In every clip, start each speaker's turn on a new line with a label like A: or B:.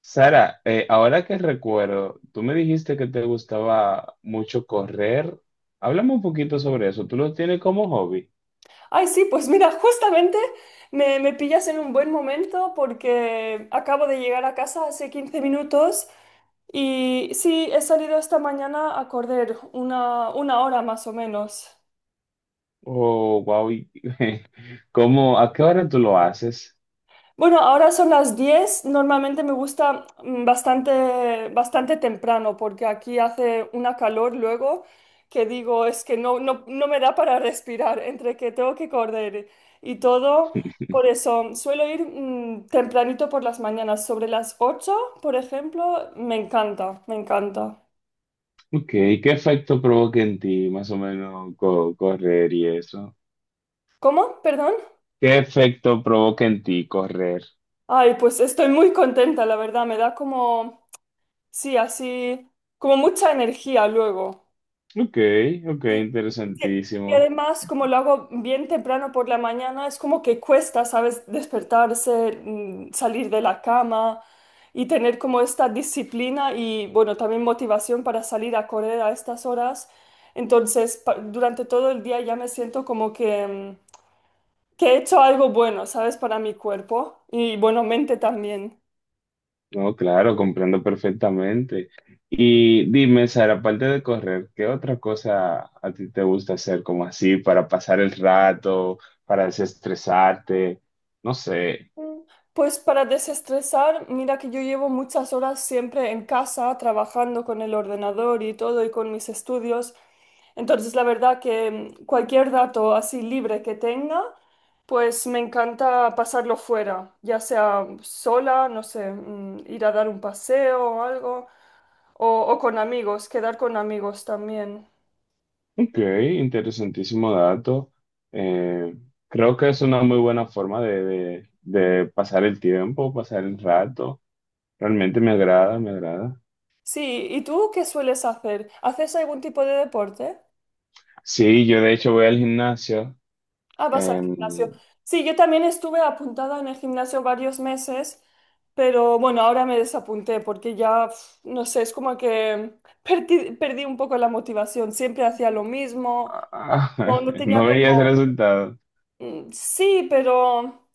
A: Sara, ahora que recuerdo, tú me dijiste que te gustaba mucho correr. Háblame un poquito sobre eso. ¿Tú lo tienes como hobby?
B: Ay, sí, pues mira, justamente me pillas en un buen momento porque acabo de llegar a casa hace 15 minutos y sí, he salido esta mañana a correr una hora más o menos.
A: Oh, wow. ¿Cómo, a qué hora tú lo haces?
B: Bueno, ahora son las 10. Normalmente me gusta bastante temprano porque aquí hace una calor luego que digo, es que no me da para respirar entre que tengo que correr y todo. Por eso suelo ir tempranito por las mañanas, sobre las 8, por ejemplo. Me encanta, me encanta.
A: Ok, ¿qué efecto provoca en ti más o menos correr y eso?
B: ¿Cómo? Perdón.
A: ¿Qué efecto provoca en ti correr?
B: Ay, pues estoy muy contenta, la verdad. Me da como, sí, así, como mucha energía luego.
A: Ok, ok,
B: Sí, y
A: interesantísimo.
B: además, como lo hago bien temprano por la mañana, es como que cuesta, ¿sabes? Despertarse, salir de la cama y tener como esta disciplina y, bueno, también motivación para salir a correr a estas horas. Entonces, durante todo el día ya me siento como que, que he hecho algo bueno, ¿sabes? Para mi cuerpo y, bueno, mente también.
A: No, claro, comprendo perfectamente. Y dime, Sara, aparte de correr, ¿qué otra cosa a ti te gusta hacer como así para pasar el rato, para desestresarte? No sé.
B: Mm, Pues para desestresar, mira que yo llevo muchas horas siempre en casa trabajando con el ordenador y todo y con mis estudios. Entonces, la verdad que cualquier dato así libre que tenga, pues me encanta pasarlo fuera, ya sea sola, no sé, ir a dar un paseo o algo, o con amigos, quedar con amigos también.
A: Ok, interesantísimo dato. Eh, creo que es una muy buena forma de pasar el tiempo, pasar el rato. Realmente me agrada, me agrada.
B: Sí, ¿y tú qué sueles hacer? ¿Haces algún tipo de deporte?
A: Sí, yo de hecho voy al gimnasio.
B: Ah, vas al gimnasio.
A: em,
B: Sí, yo también estuve apuntada en el gimnasio varios meses, pero bueno, ahora me desapunté porque ya, no sé, es como que perdí un poco la motivación. Siempre hacía lo mismo, no, no tenía
A: no
B: como,
A: veía ese resultado.
B: sí, pero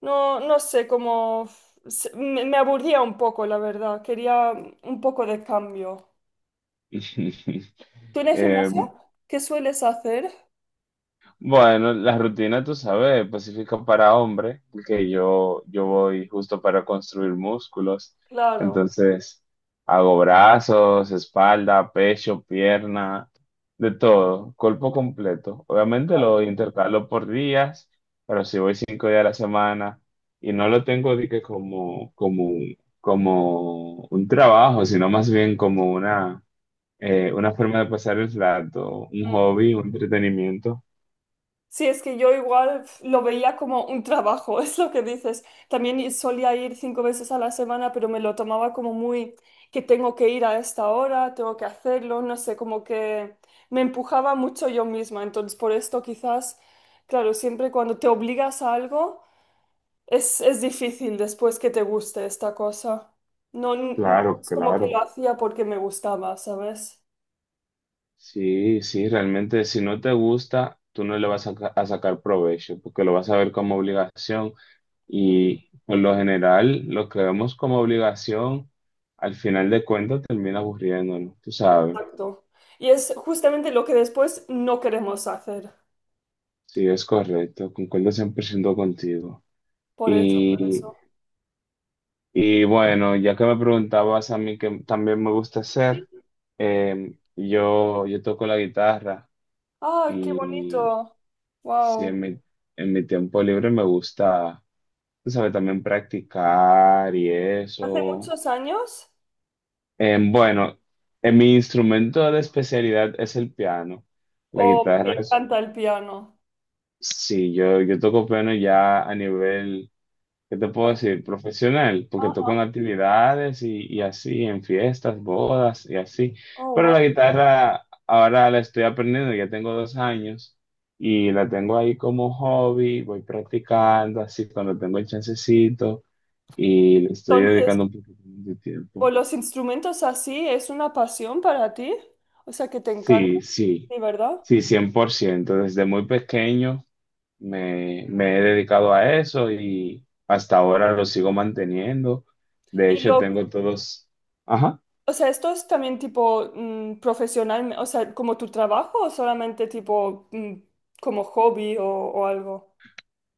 B: no, no sé, como me aburría un poco, la verdad. Quería un poco de cambio. ¿Tú en el
A: Eh,
B: gimnasio qué sueles hacer?
A: bueno, la rutina, tú sabes, Pacífico para hombre, porque yo voy justo para construir músculos.
B: Claro,
A: Entonces, hago brazos, espalda, pecho, pierna, de todo, cuerpo completo. Obviamente
B: claro.
A: lo intercalo por días, pero si voy cinco días a la semana y no lo tengo de que como un trabajo, sino más bien como una forma de pasar el rato, un hobby, un entretenimiento.
B: Sí, es que yo igual lo veía como un trabajo, es lo que dices. También solía ir 5 veces a la semana, pero me lo tomaba como muy que tengo que ir a esta hora, tengo que hacerlo, no sé, como que me empujaba mucho yo misma. Entonces, por esto quizás, claro, siempre cuando te obligas a algo, es difícil después que te guste esta cosa. No, no
A: Claro,
B: es como que
A: claro.
B: lo hacía porque me gustaba, ¿sabes?
A: Sí, sí, realmente si no te gusta, tú no le vas a, a sacar provecho, porque lo vas a ver como obligación y por lo general lo que vemos como obligación, al final de cuentas termina aburriéndonos, tú sabes.
B: Exacto. Y es justamente lo que después no queremos hacer.
A: Sí, es correcto, concuerdo 100% contigo.
B: Por eso, por
A: Y
B: eso.
A: Y bueno, ya que me preguntabas a mí que también me gusta hacer, yo toco la guitarra
B: ¡Ah, qué
A: y
B: bonito!
A: sí,
B: ¡Wow!
A: en mi tiempo libre me gusta, tú sabes, también practicar y
B: ¿Hace
A: eso.
B: muchos años?
A: Bueno, en mi instrumento de especialidad es el piano. La
B: ¿O me
A: guitarra es,
B: encanta el piano?
A: sí, yo toco piano ya a nivel. ¿Qué te puedo decir? Profesional, porque
B: Ajá.
A: toco en actividades y así, en fiestas, bodas y así.
B: Oh,
A: Pero
B: wow.
A: la guitarra ahora la estoy aprendiendo, ya tengo dos años y la tengo ahí como hobby, voy practicando así cuando tengo el chancecito y le estoy
B: Entonces,
A: dedicando un poquito de
B: ¿o
A: tiempo.
B: los instrumentos así es una pasión para ti? O sea, que te encanta,
A: Sí, sí,
B: ¿de verdad?
A: sí, 100%. Desde muy pequeño. Me he dedicado a eso y hasta ahora lo sigo manteniendo. De
B: Y
A: hecho,
B: lo,
A: tengo todos... Ajá.
B: o sea, ¿esto es también tipo profesional, o sea, como tu trabajo o solamente tipo como hobby o algo?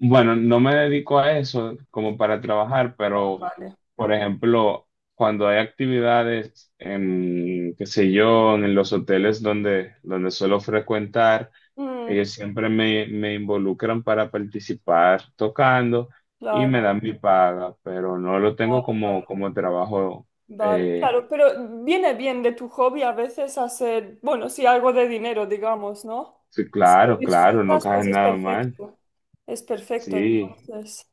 A: Bueno, no me dedico a eso como para trabajar,
B: Ah,
A: pero,
B: vale.
A: por ejemplo, cuando hay actividades en, qué sé yo, en los hoteles donde, donde suelo frecuentar,
B: Mm,
A: ellos siempre me involucran para participar tocando y me
B: claro,
A: dan mi paga, pero no lo tengo
B: claro.
A: como trabajo.
B: Vale,
A: eh,
B: claro, pero viene bien de tu hobby a veces hacer, bueno, sí, algo de dinero, digamos, ¿no?
A: Sí,
B: Y si lo
A: claro, claro, no
B: disfrutas,
A: cae
B: pues es
A: nada mal.
B: perfecto. Es perfecto,
A: Sí,
B: entonces.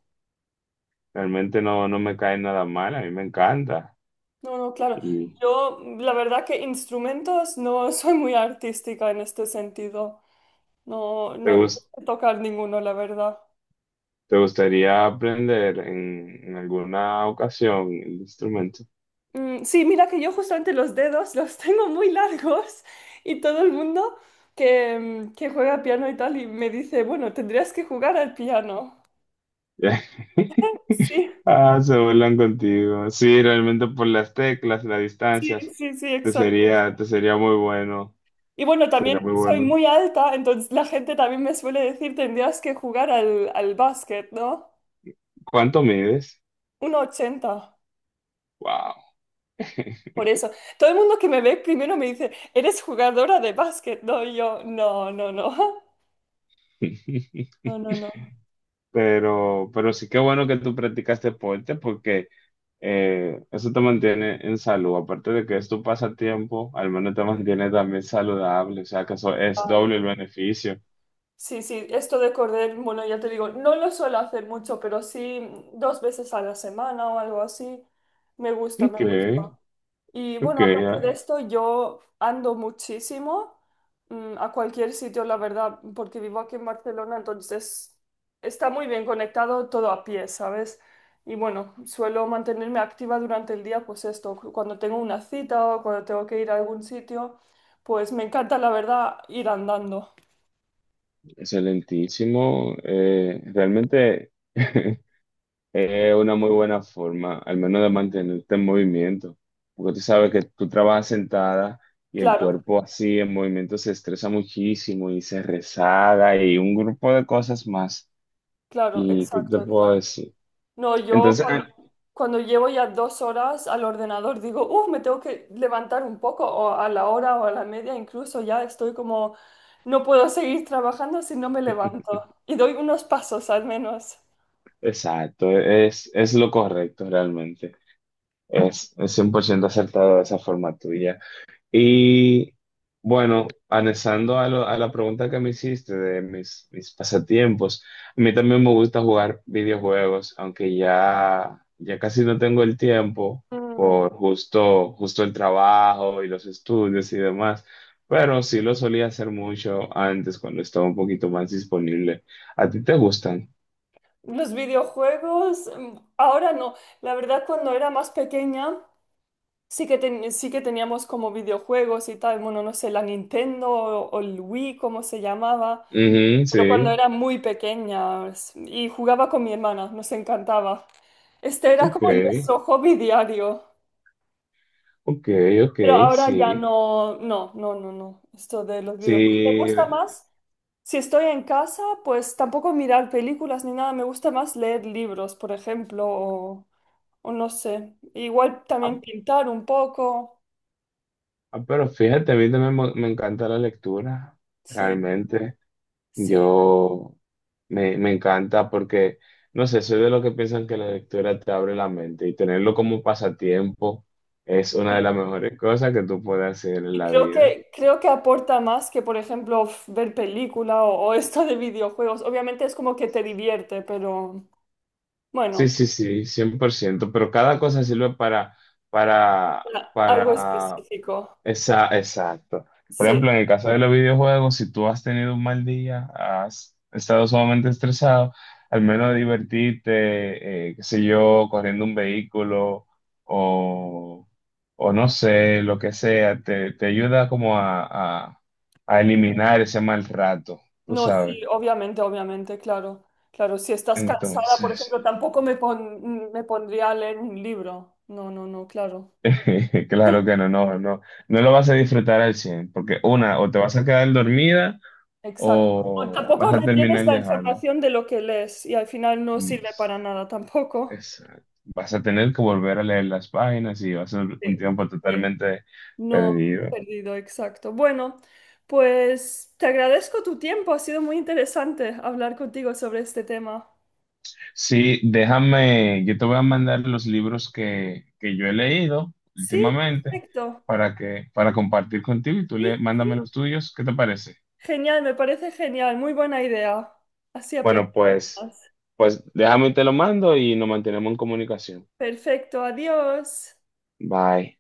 A: realmente no me cae nada mal, a mí me encanta.
B: No, no, claro.
A: ¿Y
B: Yo, la verdad que instrumentos no soy muy artística en este sentido. No,
A: te
B: no, no
A: gus-
B: sé tocar ninguno, la verdad.
A: te gustaría aprender en alguna ocasión el instrumento?
B: Sí, mira que yo justamente los dedos los tengo muy largos y todo el mundo que, que juega piano y tal y me dice, bueno, tendrías que jugar al piano. Sí,
A: Ah, se burlan contigo. Sí, realmente por las teclas, las
B: sí,
A: distancias,
B: sí, sí, exacto.
A: te sería muy bueno.
B: Y bueno, también
A: Sería muy
B: soy
A: bueno.
B: muy alta, entonces la gente también me suele decir, tendrías que jugar al, al básquet, ¿no?
A: ¿Cuánto mides?
B: 1,80,
A: Wow.
B: por eso. Todo el mundo que me ve primero me dice, ¿eres jugadora de básquet? No, y yo, no, no, no. No, no, no.
A: Pero sí que bueno que tú practicas deporte porque eso te mantiene en salud. Aparte de que es tu pasatiempo, al menos te mantiene también saludable. O sea, que eso es
B: Ah, no.
A: doble el beneficio.
B: Sí, sí, esto de correr, bueno, ya te digo, no lo suelo hacer mucho, pero sí 2 veces a la semana o algo así. Me gusta, me
A: Ok,
B: gusta. Y
A: ok,
B: bueno, aparte de
A: ah,
B: esto, yo ando muchísimo a cualquier sitio, la verdad, porque vivo aquí en Barcelona, entonces está muy bien conectado todo a pie, ¿sabes? Y bueno, suelo mantenerme activa durante el día, pues esto, cuando tengo una cita o cuando tengo que ir a algún sitio, pues me encanta, la verdad, ir andando.
A: excelentísimo. Realmente es una muy buena forma, al menos de mantenerte en movimiento. Porque tú sabes que tú trabajas sentada y el
B: Claro,
A: cuerpo así en movimiento se estresa muchísimo y se rezaga y un grupo de cosas más.
B: claro,
A: ¿Y qué te
B: exacto,
A: puedo
B: exacto.
A: decir?
B: No, yo
A: Entonces, ah,
B: cuando llevo ya 2 horas al ordenador digo, uff, me tengo que levantar un poco, o a la hora o a la media, incluso ya estoy como, no puedo seguir trabajando si no me levanto. Y doy unos pasos al menos.
A: Exacto, es lo correcto realmente. Es 100% acertado de esa forma tuya. Y bueno, anexando a, a la pregunta que me hiciste de mis pasatiempos, a mí también me gusta jugar videojuegos, aunque ya casi no tengo el tiempo
B: Mm,
A: por justo el trabajo y los estudios y demás, pero sí lo solía hacer mucho antes cuando estaba un poquito más disponible. ¿A ti te gustan?
B: Los videojuegos, ahora no. La verdad, cuando era más pequeña, sí que, sí que teníamos como videojuegos y tal. Bueno, no sé, la Nintendo o el Wii, como se llamaba.
A: Ujú,
B: Pero
A: sí.
B: cuando era muy pequeña y jugaba con mi hermana, nos encantaba. Este era
A: Ok,
B: como nuestro hobby diario,
A: ok,
B: pero
A: ok,
B: ahora ya
A: sí,
B: no, no, no, no, no. Esto de los videojuegos me
A: sí,
B: gusta más. Si estoy en casa, pues tampoco mirar películas ni nada, me gusta más leer libros, por ejemplo, o no sé. Igual
A: ah,
B: también pintar un poco.
A: ah, pero fíjate, a mí también me encanta la lectura,
B: Sí,
A: realmente,
B: sí,
A: yo me encanta porque, no sé, soy de los que piensan que la lectura te abre la mente y tenerlo como pasatiempo es una de las
B: sí.
A: mejores cosas que tú puedes hacer en
B: Y
A: la
B: creo
A: vida.
B: que, creo que aporta más que, por ejemplo, ver película o esto de videojuegos. Obviamente es como que te divierte, pero
A: Sí,
B: bueno,
A: sí, sí, 100%, pero cada cosa sirve para,
B: algo
A: para.
B: específico.
A: Exacto. Por
B: Sí,
A: ejemplo, en el caso de los videojuegos, si tú has tenido un mal día, has estado sumamente estresado, al menos divertirte, qué sé yo, corriendo un vehículo o, o no sé, lo que sea, te ayuda como a, a eliminar ese mal rato, tú
B: no,
A: sabes.
B: sí, obviamente, obviamente, claro. Claro, si estás cansada, por
A: Entonces,
B: ejemplo, tampoco me pondría a leer un libro. No, no, no, claro.
A: claro que no, no, no, no lo vas a disfrutar al 100, porque
B: No,
A: una, o te vas a quedar dormida
B: exacto. O
A: o
B: tampoco
A: vas a
B: retienes
A: terminar
B: la
A: de dejarlo.
B: información de lo que lees y al final no
A: Mm,
B: sirve para nada tampoco.
A: exacto. Vas a tener que volver a leer las páginas y va a ser un
B: Sí,
A: tiempo
B: sí.
A: totalmente
B: No,
A: perdido.
B: perdido, exacto. Bueno, pues te agradezco tu tiempo, ha sido muy interesante hablar contigo sobre este tema.
A: Sí, déjame, yo te voy a mandar los libros que yo he leído
B: Sí,
A: últimamente
B: perfecto.
A: para que, para compartir contigo y tú le,
B: Sí,
A: mándame
B: sí.
A: los tuyos. ¿Qué te parece?
B: Genial, me parece genial, muy buena idea. Así
A: Bueno,
B: aprendemos
A: pues,
B: más.
A: pues déjame y te lo mando y nos mantenemos en comunicación.
B: Perfecto, adiós.
A: Bye.